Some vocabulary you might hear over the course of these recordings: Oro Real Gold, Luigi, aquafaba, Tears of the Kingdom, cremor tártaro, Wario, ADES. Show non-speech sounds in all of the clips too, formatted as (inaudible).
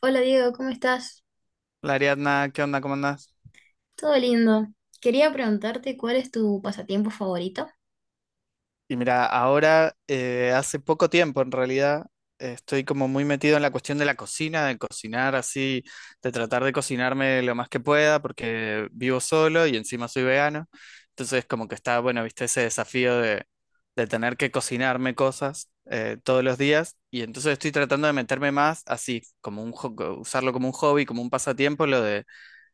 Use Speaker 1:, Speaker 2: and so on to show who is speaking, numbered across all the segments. Speaker 1: Hola Diego, ¿cómo estás?
Speaker 2: La Ariadna, ¿qué onda? ¿Cómo andás?
Speaker 1: Todo lindo. Quería preguntarte cuál es tu pasatiempo favorito.
Speaker 2: Y mira, ahora hace poco tiempo en realidad estoy como muy metido en la cuestión de la cocina, de cocinar así, de tratar de cocinarme lo más que pueda porque vivo solo y encima soy vegano. Entonces como que está, bueno, viste ese desafío de tener que cocinarme cosas todos los días y entonces estoy tratando de meterme más así, como un, usarlo como un hobby, como un pasatiempo, lo de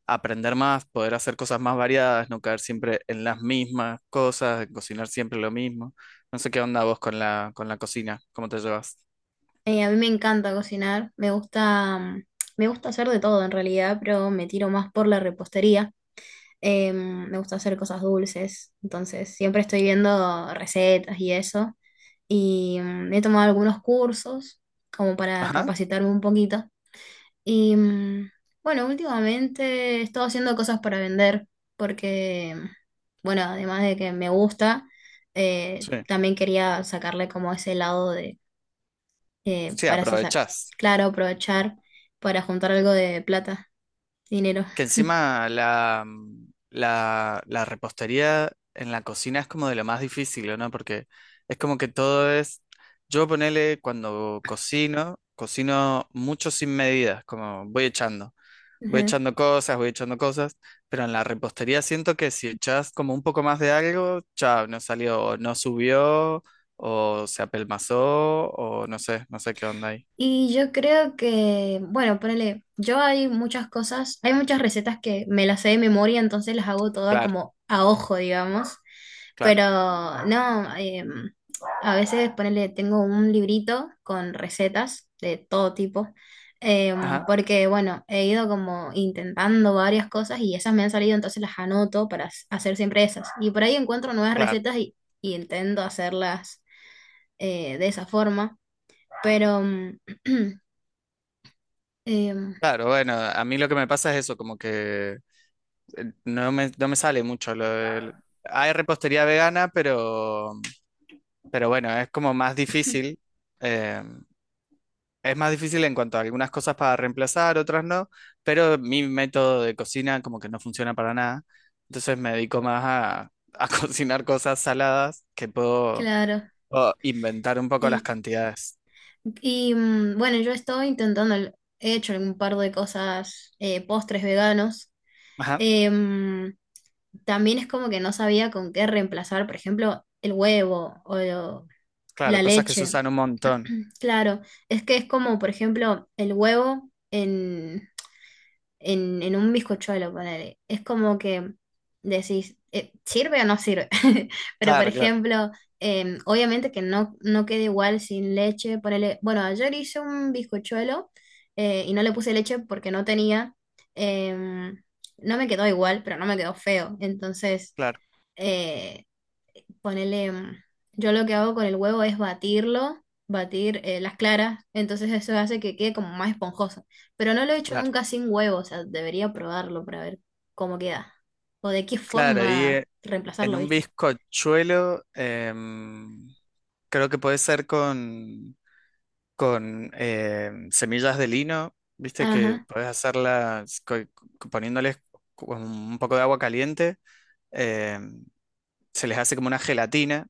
Speaker 2: aprender más, poder hacer cosas más variadas, no caer siempre en las mismas cosas, cocinar siempre lo mismo. No sé qué onda vos con la cocina, cómo te llevas.
Speaker 1: A mí me encanta cocinar, me gusta hacer de todo en realidad, pero me tiro más por la repostería. Me gusta hacer cosas dulces, entonces siempre estoy viendo recetas y eso. Y he tomado algunos cursos como para
Speaker 2: Ajá,
Speaker 1: capacitarme un poquito. Y bueno, últimamente he estado haciendo cosas para vender porque, bueno, además de que me gusta,
Speaker 2: sí.
Speaker 1: también quería sacarle como ese lado de, eh,
Speaker 2: Sí,
Speaker 1: para sa-
Speaker 2: aprovechás.
Speaker 1: claro, aprovechar para juntar algo de plata, dinero.
Speaker 2: Que encima la, la, la repostería en la cocina es como de lo más difícil, ¿o no? Porque es como que todo es. Yo ponele cuando cocino, cocino mucho sin medidas, como voy echando. Voy
Speaker 1: Ujú.
Speaker 2: echando cosas, voy echando cosas, pero en la repostería siento que si echas como un poco más de algo, chao, no salió, o no subió, o se apelmazó, o no sé, no sé qué onda ahí.
Speaker 1: Y yo creo que, bueno, ponele, yo hay muchas cosas, hay muchas recetas que me las sé de memoria, entonces las hago todas
Speaker 2: Claro,
Speaker 1: como a ojo, digamos.
Speaker 2: claro,
Speaker 1: Pero no, a veces ponele, tengo un librito con recetas de todo tipo.
Speaker 2: ajá,
Speaker 1: Porque bueno, he ido como intentando varias cosas y esas me han salido, entonces las anoto para hacer siempre esas. Y por ahí encuentro nuevas
Speaker 2: claro.
Speaker 1: recetas y intento hacerlas de esa forma, pero (clears throat) em,
Speaker 2: Claro, bueno, a mí lo que me pasa es eso, como que no me, no me sale mucho lo del- Hay repostería vegana, pero bueno, es como más difícil. eh, Es más difícil en cuanto a algunas cosas para reemplazar, otras no, pero mi método de cocina como que no funciona para nada. Entonces me dedico más a (laughs) cocinar cosas saladas que puedo,
Speaker 1: claro,
Speaker 2: puedo inventar un poco las
Speaker 1: y,
Speaker 2: cantidades.
Speaker 1: y bueno, yo estoy intentando, he hecho un par de cosas, postres veganos.
Speaker 2: Ajá,
Speaker 1: Em, También es como que no sabía con qué reemplazar, por ejemplo, el huevo o
Speaker 2: claro,
Speaker 1: la
Speaker 2: cosas que se
Speaker 1: leche.
Speaker 2: usan un montón.
Speaker 1: (clears throat) Claro, es que es como, por ejemplo, el huevo en, en un bizcochuelo, ponele. Es como que decís, ¿sirve o no sirve? (laughs) Pero, por
Speaker 2: Claro, claro,
Speaker 1: ejemplo, obviamente que no, no queda igual sin leche, ponele. Bueno, ayer hice un bizcochuelo y no le puse leche porque no tenía. em, no me quedó igual, pero no me quedó feo. Entonces
Speaker 2: claro,
Speaker 1: eh, ponele, yo lo que hago con el huevo es batirlo, batir las claras, entonces eso hace que quede como más esponjoso. Pero no lo he hecho
Speaker 2: claro,
Speaker 1: nunca sin huevo, o sea, debería probarlo para ver cómo queda. O de qué
Speaker 2: claro. Y
Speaker 1: forma
Speaker 2: en
Speaker 1: reemplazarlo,
Speaker 2: un
Speaker 1: ¿viste?
Speaker 2: bizcochuelo creo que puede ser con semillas de lino, viste que
Speaker 1: Ajá.
Speaker 2: podés hacerlas poniéndoles como un poco de agua caliente, eh, se les hace como una gelatina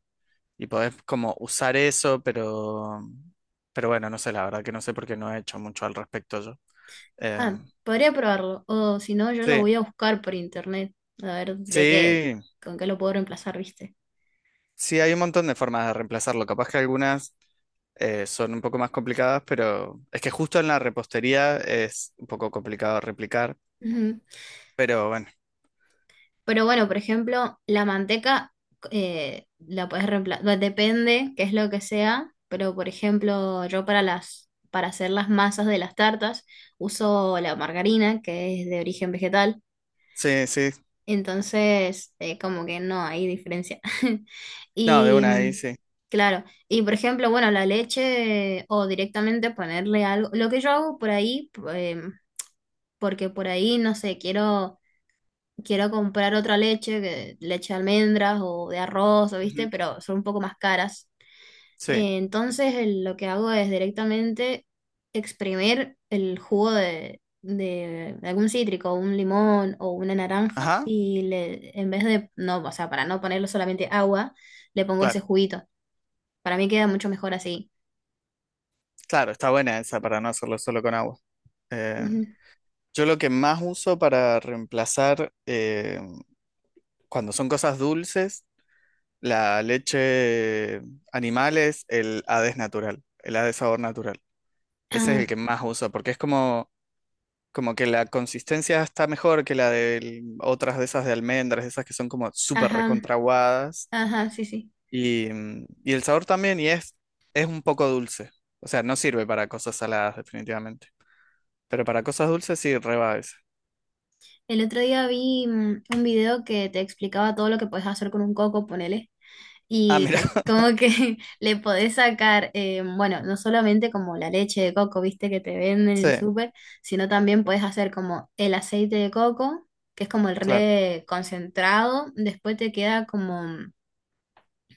Speaker 2: y podés como usar eso, pero bueno, no sé, la verdad que no sé porque no he hecho mucho al respecto yo.
Speaker 1: Ah,
Speaker 2: Em,
Speaker 1: podría probarlo. O si no, yo lo
Speaker 2: sí,
Speaker 1: voy a buscar por internet. A ver de qué,
Speaker 2: sí,
Speaker 1: con qué lo puedo reemplazar, ¿viste?
Speaker 2: sí, hay un montón de formas de reemplazarlo, capaz que algunas... son un poco más complicadas, pero es que justo en la repostería es un poco complicado replicar,
Speaker 1: Ujú.
Speaker 2: pero bueno.
Speaker 1: Pero bueno, por ejemplo, la manteca la puedes reemplazar, depende qué es lo que sea, pero por ejemplo, yo para hacer las masas de las tartas uso la margarina, que es de origen vegetal,
Speaker 2: Sí, sí.
Speaker 1: entonces como que no hay diferencia. (laughs)
Speaker 2: No, de
Speaker 1: Y
Speaker 2: una ahí
Speaker 1: mm,
Speaker 2: sí.
Speaker 1: claro, y por ejemplo, bueno, la leche o directamente ponerle algo, lo que yo hago por ahí, porque por ahí, no sé, quiero comprar otra leche, leche de almendras o de arroz, o
Speaker 2: Ujú.
Speaker 1: ¿viste? Pero son un poco más caras.
Speaker 2: Sí.
Speaker 1: Entonces lo que hago es directamente exprimir el jugo de algún cítrico, un limón o una naranja,
Speaker 2: Ajá,
Speaker 1: y le, en vez de, no, o sea, para no ponerle solamente agua, le pongo ese
Speaker 2: claro.
Speaker 1: juguito. Para mí queda mucho mejor así.
Speaker 2: Claro, está buena esa para no hacerlo solo con agua. Eh,
Speaker 1: Ujú.
Speaker 2: yo lo que más uso para reemplazar cuando son cosas dulces, la leche animal es el ADES natural, el ADES sabor natural. Ese es el
Speaker 1: Ah,
Speaker 2: que más uso porque es como, como que la consistencia está mejor que la de otras de esas de almendras, esas que son como súper
Speaker 1: ajá,
Speaker 2: recontraguadas.
Speaker 1: ajá, sí, sí.
Speaker 2: Y, mm, y el sabor también, y es un poco dulce. O sea, no sirve para cosas saladas, definitivamente. Pero para cosas dulces sí, reba esa.
Speaker 1: El otro día vi un video que te explicaba todo lo que puedes hacer con un coco, ponele.
Speaker 2: Ah,
Speaker 1: Y
Speaker 2: mira. (laughs)
Speaker 1: como que (laughs) le podés sacar, bueno, no solamente como la leche de coco, viste, que te venden en
Speaker 2: Sí,
Speaker 1: el súper, sino también podés hacer como el aceite de coco, que es como el
Speaker 2: claro.
Speaker 1: re concentrado, después te queda como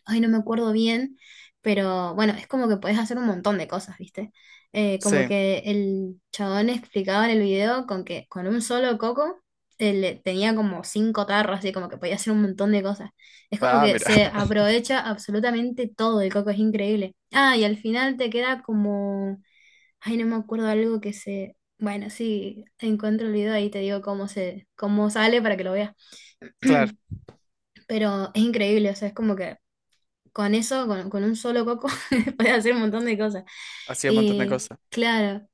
Speaker 1: ay, no me acuerdo bien, pero bueno, es como que podés hacer un montón de cosas, ¿viste? Como
Speaker 2: Sí.
Speaker 1: que el chabón explicaba en el video con que con un solo coco tenía como cinco tarros, así como que podía hacer un montón de cosas. Es como
Speaker 2: Ah,
Speaker 1: que
Speaker 2: mira.
Speaker 1: se
Speaker 2: (laughs)
Speaker 1: aprovecha absolutamente todo el coco, es increíble. Ah, y al final te queda como, ay, no me acuerdo algo que se... Bueno, sí, encuentro el video ahí, te digo cómo se, cómo sale para que lo veas.
Speaker 2: Claro.
Speaker 1: (clears throat) Pero es increíble, o sea, es como que con eso, con un solo coco, (laughs) puedes hacer un montón de cosas.
Speaker 2: Hacía un montón de
Speaker 1: Y
Speaker 2: cosas.
Speaker 1: claro,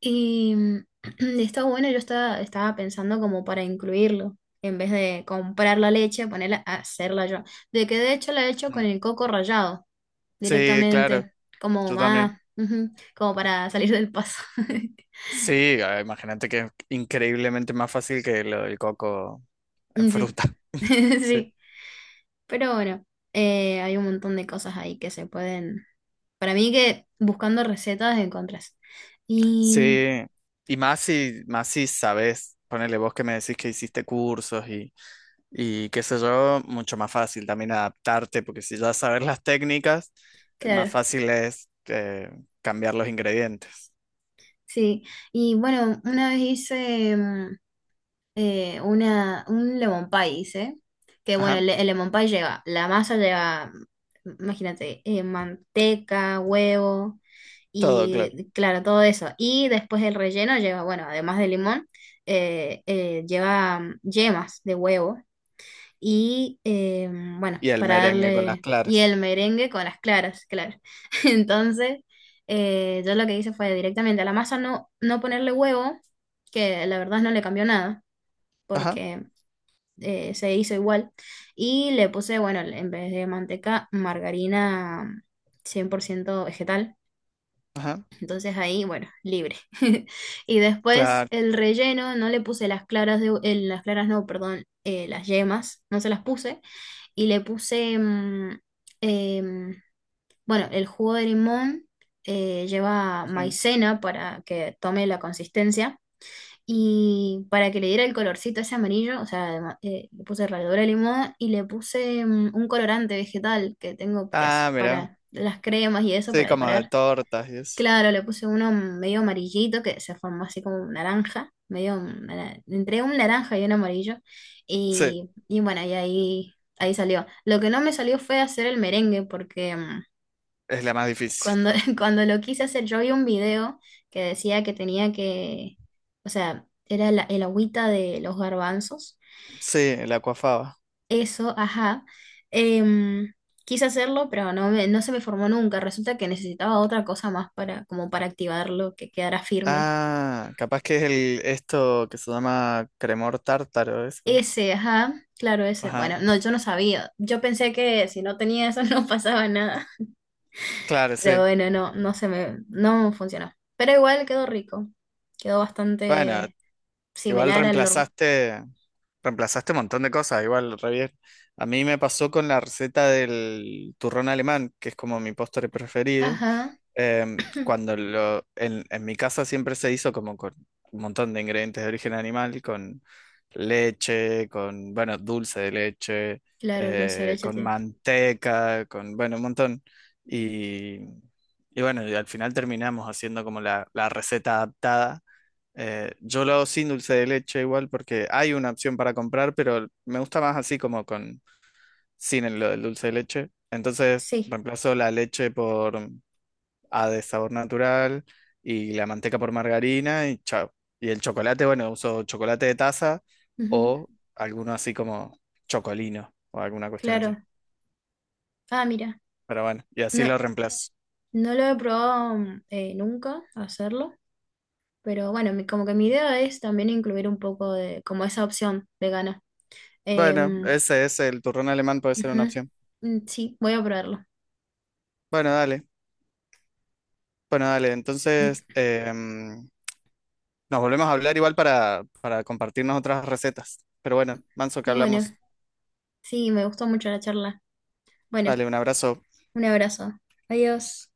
Speaker 1: y (clears throat) está bueno, yo estaba pensando como para incluirlo, en vez de comprar la leche, ponerla hacerla yo. De que de hecho la he hecho con
Speaker 2: Mm.
Speaker 1: el coco rallado,
Speaker 2: Sí, claro.
Speaker 1: directamente, como
Speaker 2: Yo también.
Speaker 1: más, ujú, como para salir del paso. (laughs)
Speaker 2: Sí, ah, imagínate que es increíblemente más fácil que lo del coco en
Speaker 1: Sí,
Speaker 2: fruta.
Speaker 1: (laughs)
Speaker 2: (laughs) Sí.
Speaker 1: sí, pero bueno, hay un montón de cosas ahí que se pueden, para mí que buscando recetas encontrás. Y
Speaker 2: Sí. Y más si sabes, ponele vos que me decís que hiciste cursos y qué sé yo, mucho más fácil también adaptarte, porque si ya sabes las técnicas, más
Speaker 1: claro,
Speaker 2: fácil es cambiar los ingredientes.
Speaker 1: sí, y bueno, una vez hice un lemon pie, hice, que bueno,
Speaker 2: Ajá,
Speaker 1: el lemon pie lleva, la masa lleva, imagínate, manteca, huevo
Speaker 2: todo claro.
Speaker 1: y claro, todo eso. Y después el relleno lleva, bueno, además de limón, lleva yemas de huevo y bueno,
Speaker 2: Y el
Speaker 1: para
Speaker 2: merengue con las
Speaker 1: darle, y
Speaker 2: claras.
Speaker 1: el merengue con las claras, claro. (laughs) Entonces, yo lo que hice fue directamente a la masa no, no ponerle huevo, que la verdad no le cambió nada,
Speaker 2: Ajá,
Speaker 1: porque se hizo igual, y le puse, bueno, en vez de manteca, margarina 100% vegetal,
Speaker 2: ajá,
Speaker 1: entonces ahí, bueno, libre. (laughs) Y después
Speaker 2: claro.
Speaker 1: el relleno, no le puse las claras de, las claras no, perdón, las yemas, no se las puse. Y le puse, em, bueno, el jugo de limón lleva
Speaker 2: Sí.
Speaker 1: maicena para que tome la consistencia. Y para que le diera el colorcito ese amarillo, o sea, además, le puse ralladura de limón y le puse un colorante vegetal que tengo, que
Speaker 2: Ah,
Speaker 1: es
Speaker 2: mira.
Speaker 1: para las cremas y eso,
Speaker 2: Sí,
Speaker 1: para
Speaker 2: como de
Speaker 1: decorar.
Speaker 2: tortas y eso.
Speaker 1: Claro, le puse uno medio amarillito que se formó así como un naranja, entre un naranja y un amarillo.
Speaker 2: Sí,
Speaker 1: Y bueno, y ahí salió. Lo que no me salió fue hacer el merengue, porque
Speaker 2: es la más difícil.
Speaker 1: cuando, (laughs) cuando lo quise hacer, yo vi un video que decía que tenía que, o sea, era el agüita de los garbanzos.
Speaker 2: Sí, el aquafaba.
Speaker 1: Eso, ajá. Em, Quise hacerlo, pero no, no se me formó nunca. Resulta que necesitaba otra cosa más para, como para activarlo, que quedara firme.
Speaker 2: Ah, capaz que es el esto que se llama cremor tártaro, eso.
Speaker 1: Ese, ajá, claro, ese.
Speaker 2: Ajá,
Speaker 1: Bueno, no, yo no sabía. Yo pensé que si no tenía eso (laughs) no pasaba nada.
Speaker 2: claro,
Speaker 1: Pero
Speaker 2: sí.
Speaker 1: bueno, no, no se me, no funcionó. Pero igual quedó rico. Quedó
Speaker 2: Bueno,
Speaker 1: bastante
Speaker 2: igual
Speaker 1: similar al normal.
Speaker 2: reemplazaste. Reemplazaste un montón de cosas, igual, re bien. A mí me pasó con la receta del turrón alemán, que es como mi postre preferido.
Speaker 1: Ajá. (clears throat)
Speaker 2: Cuando lo, en mi casa siempre se hizo como con un montón de ingredientes de origen animal, con leche, con, bueno, dulce de leche,
Speaker 1: Claro, el dulce de leche
Speaker 2: con
Speaker 1: tiene.
Speaker 2: manteca, con, bueno, un montón. Y, y bueno, y al final terminamos haciendo como la receta adaptada yo lo hago sin dulce de leche igual porque hay una opción para comprar, pero me gusta más así como con sin el- lo del dulce de leche. Entonces
Speaker 1: Sí.
Speaker 2: reemplazo la leche por A de sabor natural y la manteca por margarina y chao. Y el chocolate, bueno, uso chocolate de taza
Speaker 1: Ujú,
Speaker 2: o alguno así como chocolino o alguna cuestión así.
Speaker 1: claro. Ah, mira.
Speaker 2: Pero bueno, y así
Speaker 1: No,
Speaker 2: lo reemplazo.
Speaker 1: no lo he probado nunca hacerlo. Pero bueno, como que mi idea es también incluir un poco de, como esa opción vegana.
Speaker 2: Bueno,
Speaker 1: Em,
Speaker 2: ese es el turrón alemán, puede ser una
Speaker 1: Ujú,
Speaker 2: opción.
Speaker 1: mm, sí, voy a probarlo.
Speaker 2: Bueno, dale. Bueno, dale. Entonces,
Speaker 1: (laughs)
Speaker 2: nos volvemos a hablar igual para compartirnos otras recetas. Pero bueno, Manso, que
Speaker 1: Bueno,
Speaker 2: hablamos.
Speaker 1: sí, me gustó mucho la charla. Bueno,
Speaker 2: Dale, un abrazo.
Speaker 1: un abrazo. Adiós.